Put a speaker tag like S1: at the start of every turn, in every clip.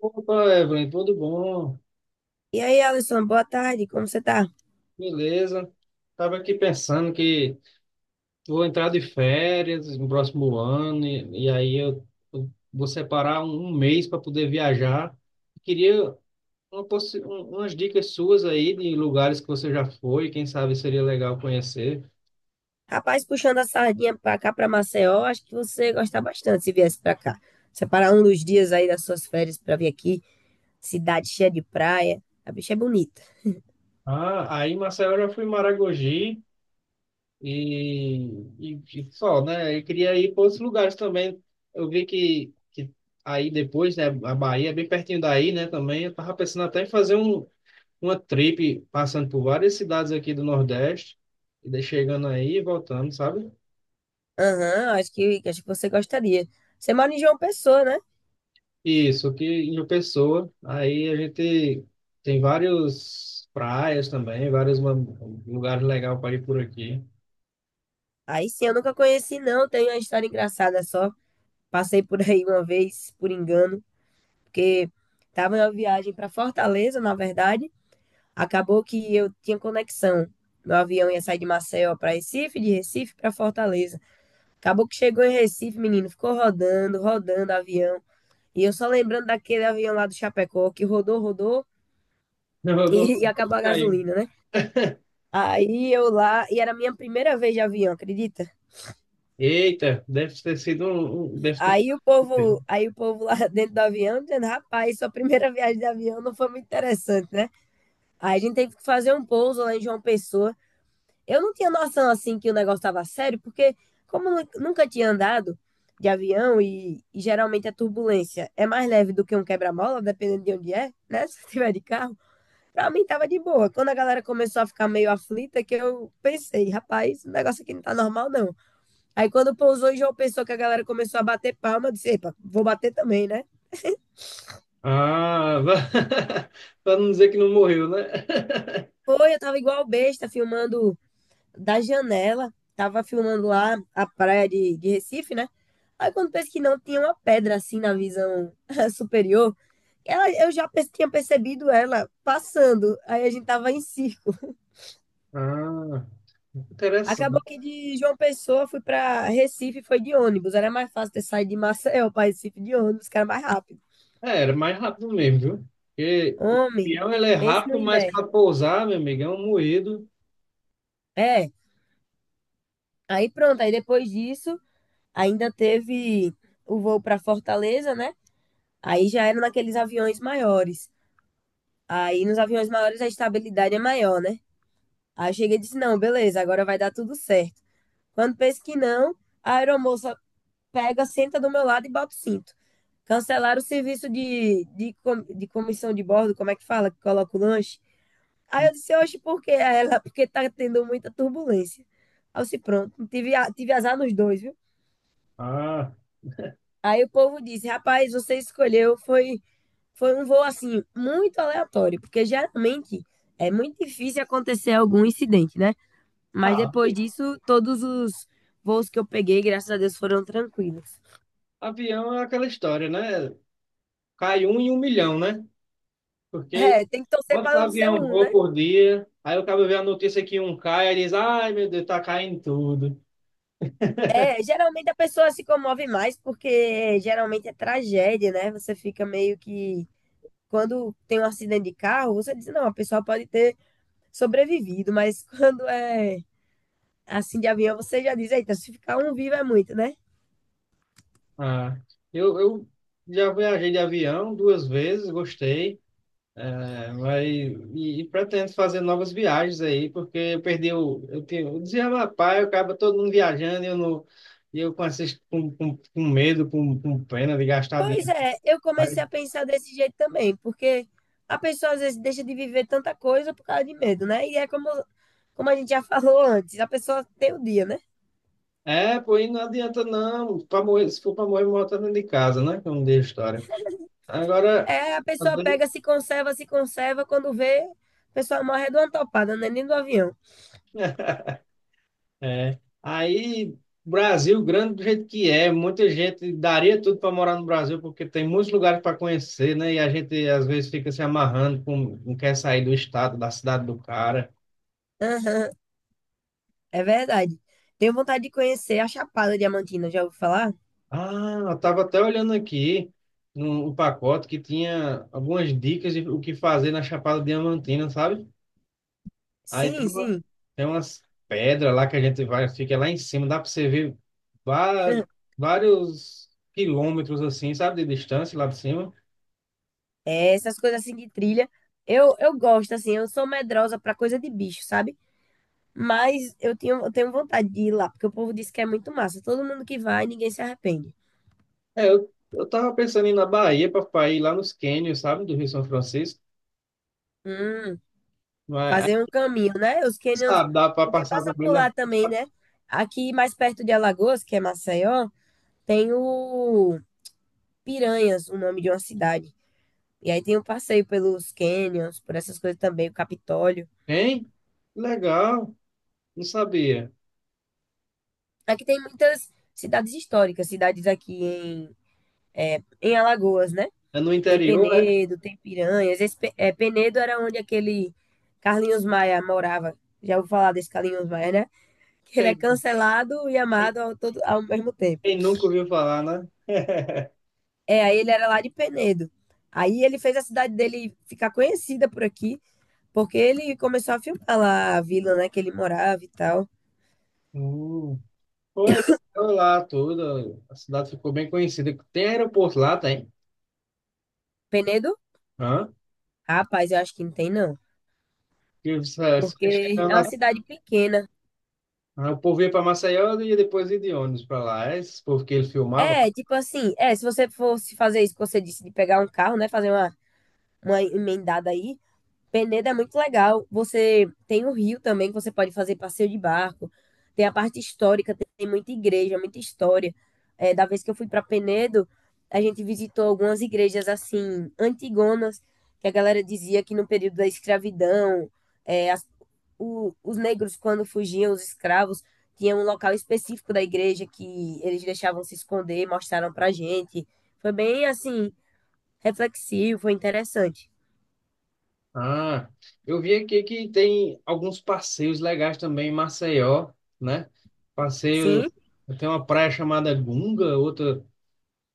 S1: Opa, Evelyn, tudo bom?
S2: E aí, Alisson, boa tarde, como você tá?
S1: Beleza. Estava aqui pensando que vou entrar de férias no próximo ano e aí eu vou separar um mês para poder viajar. Queria umas dicas suas aí de lugares que você já foi, quem sabe seria legal conhecer.
S2: Rapaz, puxando a sardinha pra cá, pra Maceió, acho que você ia gostar bastante se viesse pra cá. Separar um dos dias aí das suas férias pra vir aqui, cidade cheia de praia, a bicha é bonita.
S1: Ah, aí Marcelo, eu já fui em Maragogi, E, e, e só, né? Eu queria ir para outros lugares também. Eu vi que aí depois, né? A Bahia é bem pertinho daí, né? Também eu tava pensando até em fazer uma trip passando por várias cidades aqui do Nordeste, e daí chegando aí e voltando, sabe?
S2: Aham, acho que você gostaria. Você mora em João Pessoa, né?
S1: Isso, aqui em João Pessoa. Aí a gente tem vários praias também, lugares legais para ir por aqui.
S2: Aí sim, eu nunca conheci não, tenho uma história engraçada só. Passei por aí uma vez, por engano, porque tava em uma viagem pra Fortaleza, na verdade, acabou que eu tinha conexão. Meu avião ia sair de Maceió para Recife, de Recife para Fortaleza. Acabou que chegou em Recife, menino, ficou rodando, rodando avião. E eu só lembrando daquele avião lá do Chapecó que rodou, rodou
S1: Eu dou, eu dou-
S2: e acabou a gasolina, né? Aí eu lá, e era a minha primeira vez de avião, acredita?
S1: Eita, deve ter sido.
S2: Aí o povo,
S1: um
S2: aí o povo lá dentro do avião dizendo, rapaz, sua primeira viagem de avião não foi muito interessante, né? Aí a gente teve que fazer um pouso lá em João Pessoa. Eu não tinha noção assim que o negócio estava sério, porque nunca tinha andado de avião e geralmente a turbulência é mais leve do que um quebra-mola, dependendo de onde é, né? Se tiver de carro, pra mim tava de boa. Quando a galera começou a ficar meio aflita, que eu pensei, rapaz, o negócio aqui não tá normal, não. Aí quando pousou e João pensou que a galera começou a bater palma, eu disse, epa, vou bater também, né?
S1: Ah, para não dizer que não morreu, né?
S2: Foi, eu tava igual besta filmando da janela, tava filmando lá a praia de Recife, né? Aí quando penso que não, tinha uma pedra assim na visão superior. Ela, tinha percebido ela passando. Aí a gente tava em circo.
S1: Ah,
S2: Acabou
S1: interessante.
S2: que de João Pessoa fui pra Recife, foi de ônibus. Era mais fácil ter saído de Maceió pra Recife de ônibus, que era mais rápido.
S1: É, era mais rápido mesmo, viu? Porque o
S2: Homem,
S1: peão ele é
S2: pense no
S1: rápido, mas
S2: Imbé.
S1: para pousar, meu amigo, é um moído.
S2: É, aí pronto. Aí depois disso, ainda teve o voo para Fortaleza, né? Aí já era naqueles aviões maiores. Aí nos aviões maiores a estabilidade é maior, né? Aí eu cheguei e disse: não, beleza, agora vai dar tudo certo. Quando penso que não, a aeromoça pega, senta do meu lado e bota o cinto. Cancelaram o serviço de comissão de bordo, como é que fala, que coloca o lanche. Aí eu disse: oxe, por quê? Aí ela, porque tá tendo muita turbulência. Aí eu disse: pronto, tive azar nos dois, viu?
S1: Ah,
S2: Aí o povo disse: rapaz, você escolheu, foi. Foi um voo assim muito aleatório, porque geralmente é muito difícil acontecer algum incidente, né?
S1: ah,
S2: Mas depois disso, todos os voos que eu peguei, graças a Deus, foram tranquilos.
S1: avião é aquela história, né? Cai um em um milhão, né? Porque
S2: É, tem que torcer
S1: quantos
S2: para não ser
S1: aviões
S2: um, né?
S1: voam por dia? Aí o cara vê a notícia que um cai, aí diz, ai meu Deus, tá caindo tudo.
S2: É, geralmente a pessoa se comove mais porque geralmente é tragédia, né? Você fica meio que quando tem um acidente de carro, você diz, não, a pessoa pode ter sobrevivido, mas quando é assim de avião, você já diz, eita, se ficar um vivo é muito, né?
S1: Ah, eu já viajei de avião duas vezes, gostei. É, vai, e pretendo fazer novas viagens aí, porque eu perdi o. Eu, tenho, eu dizia, rapaz, eu acaba todo mundo viajando e eu, não, e eu com, esses, com medo, com pena de gastar
S2: Pois
S1: dinheiro.
S2: é, eu
S1: Aí,
S2: comecei a pensar desse jeito também, porque a pessoa às vezes deixa de viver tanta coisa por causa de medo, né? E é como, como a gente já falou antes, a pessoa tem o dia, né?
S1: é, pô, e não adianta não. Pra morrer, se for para morrer, morre todo dentro de casa, né? Como diz a história. Agora,
S2: É, a
S1: às
S2: pessoa
S1: vezes.
S2: pega, se conserva, se conserva, quando vê, a pessoa morre de uma topada, né? Nem do avião.
S1: É. Aí, Brasil, grande do jeito que é, muita gente daria tudo para morar no Brasil, porque tem muitos lugares para conhecer, né? E a gente às vezes fica se amarrando, com, não quer sair do estado, da cidade do cara.
S2: Aham, é verdade. Tenho vontade de conhecer a Chapada Diamantina, já ouviu falar?
S1: Ah, eu estava até olhando aqui no pacote que tinha algumas dicas de o que fazer na Chapada Diamantina, sabe? Aí
S2: Sim, sim.
S1: tem umas pedras lá que a gente vai, fica lá em cima, dá para você ver va- vários quilômetros assim, sabe, de distância lá de cima.
S2: É, essas coisas assim de trilha. Eu gosto, assim, eu sou medrosa pra coisa de bicho, sabe? Mas eu tinha, eu tenho vontade de ir lá, porque o povo diz que é muito massa. Todo mundo que vai, ninguém se arrepende.
S1: É, eu tava pensando em ir na Bahia pra ir lá nos cânions, sabe, do Rio São Francisco.
S2: Hum,
S1: Mas, ah,
S2: fazer um caminho, né? Os canyons,
S1: sabe, dá pra
S2: porque
S1: passar
S2: passa
S1: também,
S2: por
S1: né?
S2: lá também, né? Aqui mais perto de Alagoas, que é Maceió, tem o Piranhas, o nome de uma cidade. E aí tem um passeio pelos canyons, por essas coisas também, o Capitólio.
S1: Hein? Legal, não sabia.
S2: Aqui tem muitas cidades históricas, cidades é, em Alagoas, né?
S1: É no
S2: Tem
S1: interior, é?
S2: Penedo, tem Piranhas. Penedo era onde aquele Carlinhos Maia morava. Já ouviu falar desse Carlinhos Maia, né? Que ele é
S1: Quem,
S2: cancelado e
S1: quem-
S2: amado ao, todo, ao mesmo tempo.
S1: Quem nunca ouviu falar, né?
S2: É, aí ele era lá de Penedo. Aí ele fez a cidade dele ficar conhecida por aqui, porque ele começou a filmar lá a vila, né, que ele morava e tal.
S1: Hum. Foi, foi lá tudo, a cidade ficou bem conhecida. Tem aeroporto lá, tem.
S2: Penedo?
S1: Hã?
S2: Rapaz, eu acho que não tem, não.
S1: Você
S2: Porque
S1: chegando
S2: é
S1: lá,
S2: uma cidade pequena.
S1: ah, o povo ia para Maceió e depois ia de ônibus pra lá. É esse povo que ele filmava.
S2: É, tipo assim, é, se você fosse fazer isso que você disse, de pegar um carro, né, fazer uma emendada aí, Penedo é muito legal. Você tem o rio também, que você pode fazer passeio de barco. Tem a parte histórica, tem muita igreja, muita história. É, da vez que eu fui para Penedo, a gente visitou algumas igrejas assim, antigonas, que a galera dizia que no período da escravidão, é, as- os negros, quando fugiam, os escravos, tinham um local específico da igreja que eles deixavam se esconder, mostraram pra gente. Foi bem assim, reflexivo, foi interessante.
S1: Ah, eu vi aqui que tem alguns passeios legais também em Maceió, né? Passeio,
S2: Sim.
S1: tem uma praia chamada Gunga, outra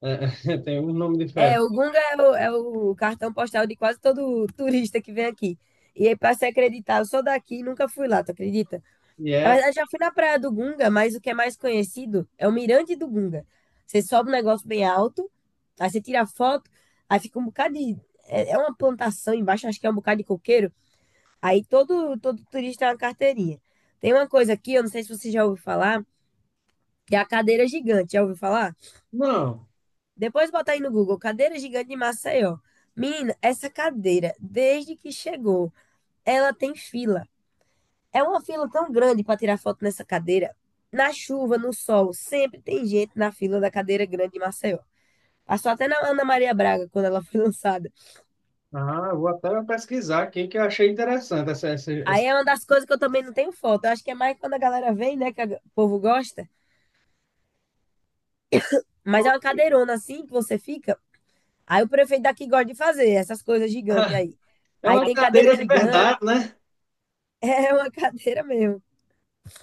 S1: eh, tem um nome diferente.
S2: É, o Gunga é é o cartão postal de quase todo turista que vem aqui. E aí, pra se acreditar, eu sou daqui e nunca fui lá, tu acredita?
S1: E
S2: Na
S1: é,
S2: verdade, já fui na Praia do Gunga, mas o que é mais conhecido é o Mirante do Gunga. Você sobe um negócio bem alto, aí você tira foto, aí fica um bocado de. É uma plantação embaixo, acho que é um bocado de coqueiro. Todo turista é uma carteirinha. Tem uma coisa aqui, eu não sei se você já ouviu falar, que é a cadeira gigante. Já ouviu falar?
S1: não,
S2: Depois botar aí no Google, cadeira gigante de Maceió. Menina, essa cadeira, desde que chegou, ela tem fila. É uma fila tão grande para tirar foto nessa cadeira. Na chuva, no sol, sempre tem gente na fila da cadeira grande de Maceió. Passou até na Ana Maria Braga, quando ela foi lançada.
S1: ah, eu vou até pesquisar aqui que eu achei interessante essa, essa,
S2: Aí
S1: essa-
S2: é uma das coisas que eu também não tenho foto. Eu acho que é mais quando a galera vem, né, o povo gosta. Mas é uma cadeirona assim que você fica. Aí o prefeito daqui gosta de fazer essas coisas gigantes aí.
S1: É
S2: Aí
S1: uma
S2: tem cadeira
S1: cadeira de
S2: gigante,
S1: verdade, né?
S2: é uma cadeira mesmo.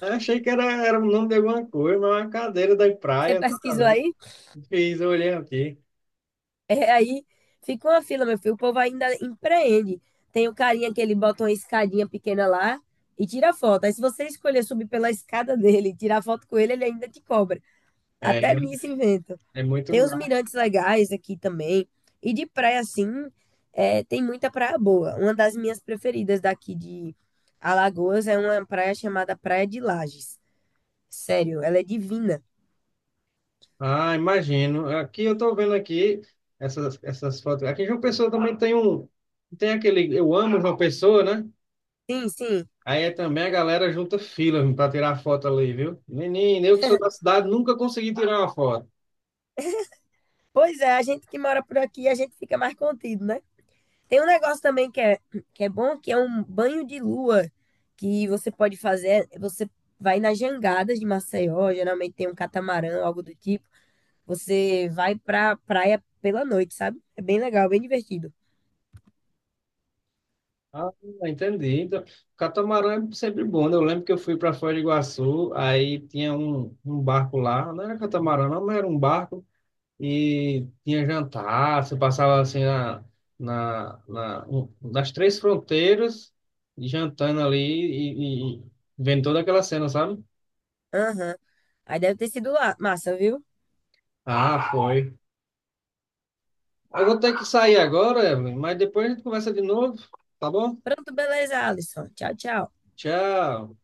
S1: Eu achei que era o nome de alguma coisa, mas é uma cadeira da
S2: Você
S1: praia, nada a
S2: pesquisou
S1: ver.
S2: aí?
S1: Fiz, eu olhei aqui.
S2: É, aí fica uma fila, meu filho. O povo ainda empreende. Tem o carinha que ele bota uma escadinha pequena lá e tira foto. Aí se você escolher subir pela escada dele e tirar foto com ele, ele ainda te cobra.
S1: É,
S2: Até nisso inventa.
S1: é muito.
S2: Tem os mirantes legais aqui também. E de praia, assim, é, tem muita praia boa. Uma das minhas preferidas daqui de Alagoas é uma praia chamada Praia de Lages. Sério, ela é divina.
S1: Ah, imagino. Aqui eu tô vendo aqui essas fotos. Aqui em João Pessoa também tem aquele, eu amo João Pessoa, né?
S2: Sim, sim.
S1: Aí é também a galera junta fila para tirar foto ali, viu? Menino, eu que sou da cidade nunca consegui tirar uma foto.
S2: Pois é, a gente que mora por aqui, a gente fica mais contido, né? Tem um negócio também que é bom, que é um banho de lua que você pode fazer. Você vai nas jangadas de Maceió, geralmente tem um catamarã, algo do tipo. Você vai pra praia pela noite, sabe? É bem legal, bem divertido.
S1: Ah, entendi. Então, catamarã é sempre bom, né? Eu lembro que eu fui para Foz do Iguaçu, aí tinha um barco lá, não era catamarã, não, mas era um barco. E tinha jantar, você passava assim na, nas três fronteiras, jantando ali e vendo toda aquela cena, sabe?
S2: Aham. Aí deve ter sido lá. Massa, viu?
S1: Ah, foi. Eu vou ter que sair agora, Evelyn, mas depois a gente conversa de novo, tá bom?
S2: Pronto, beleza, Alisson. Tchau, tchau.
S1: Tchau.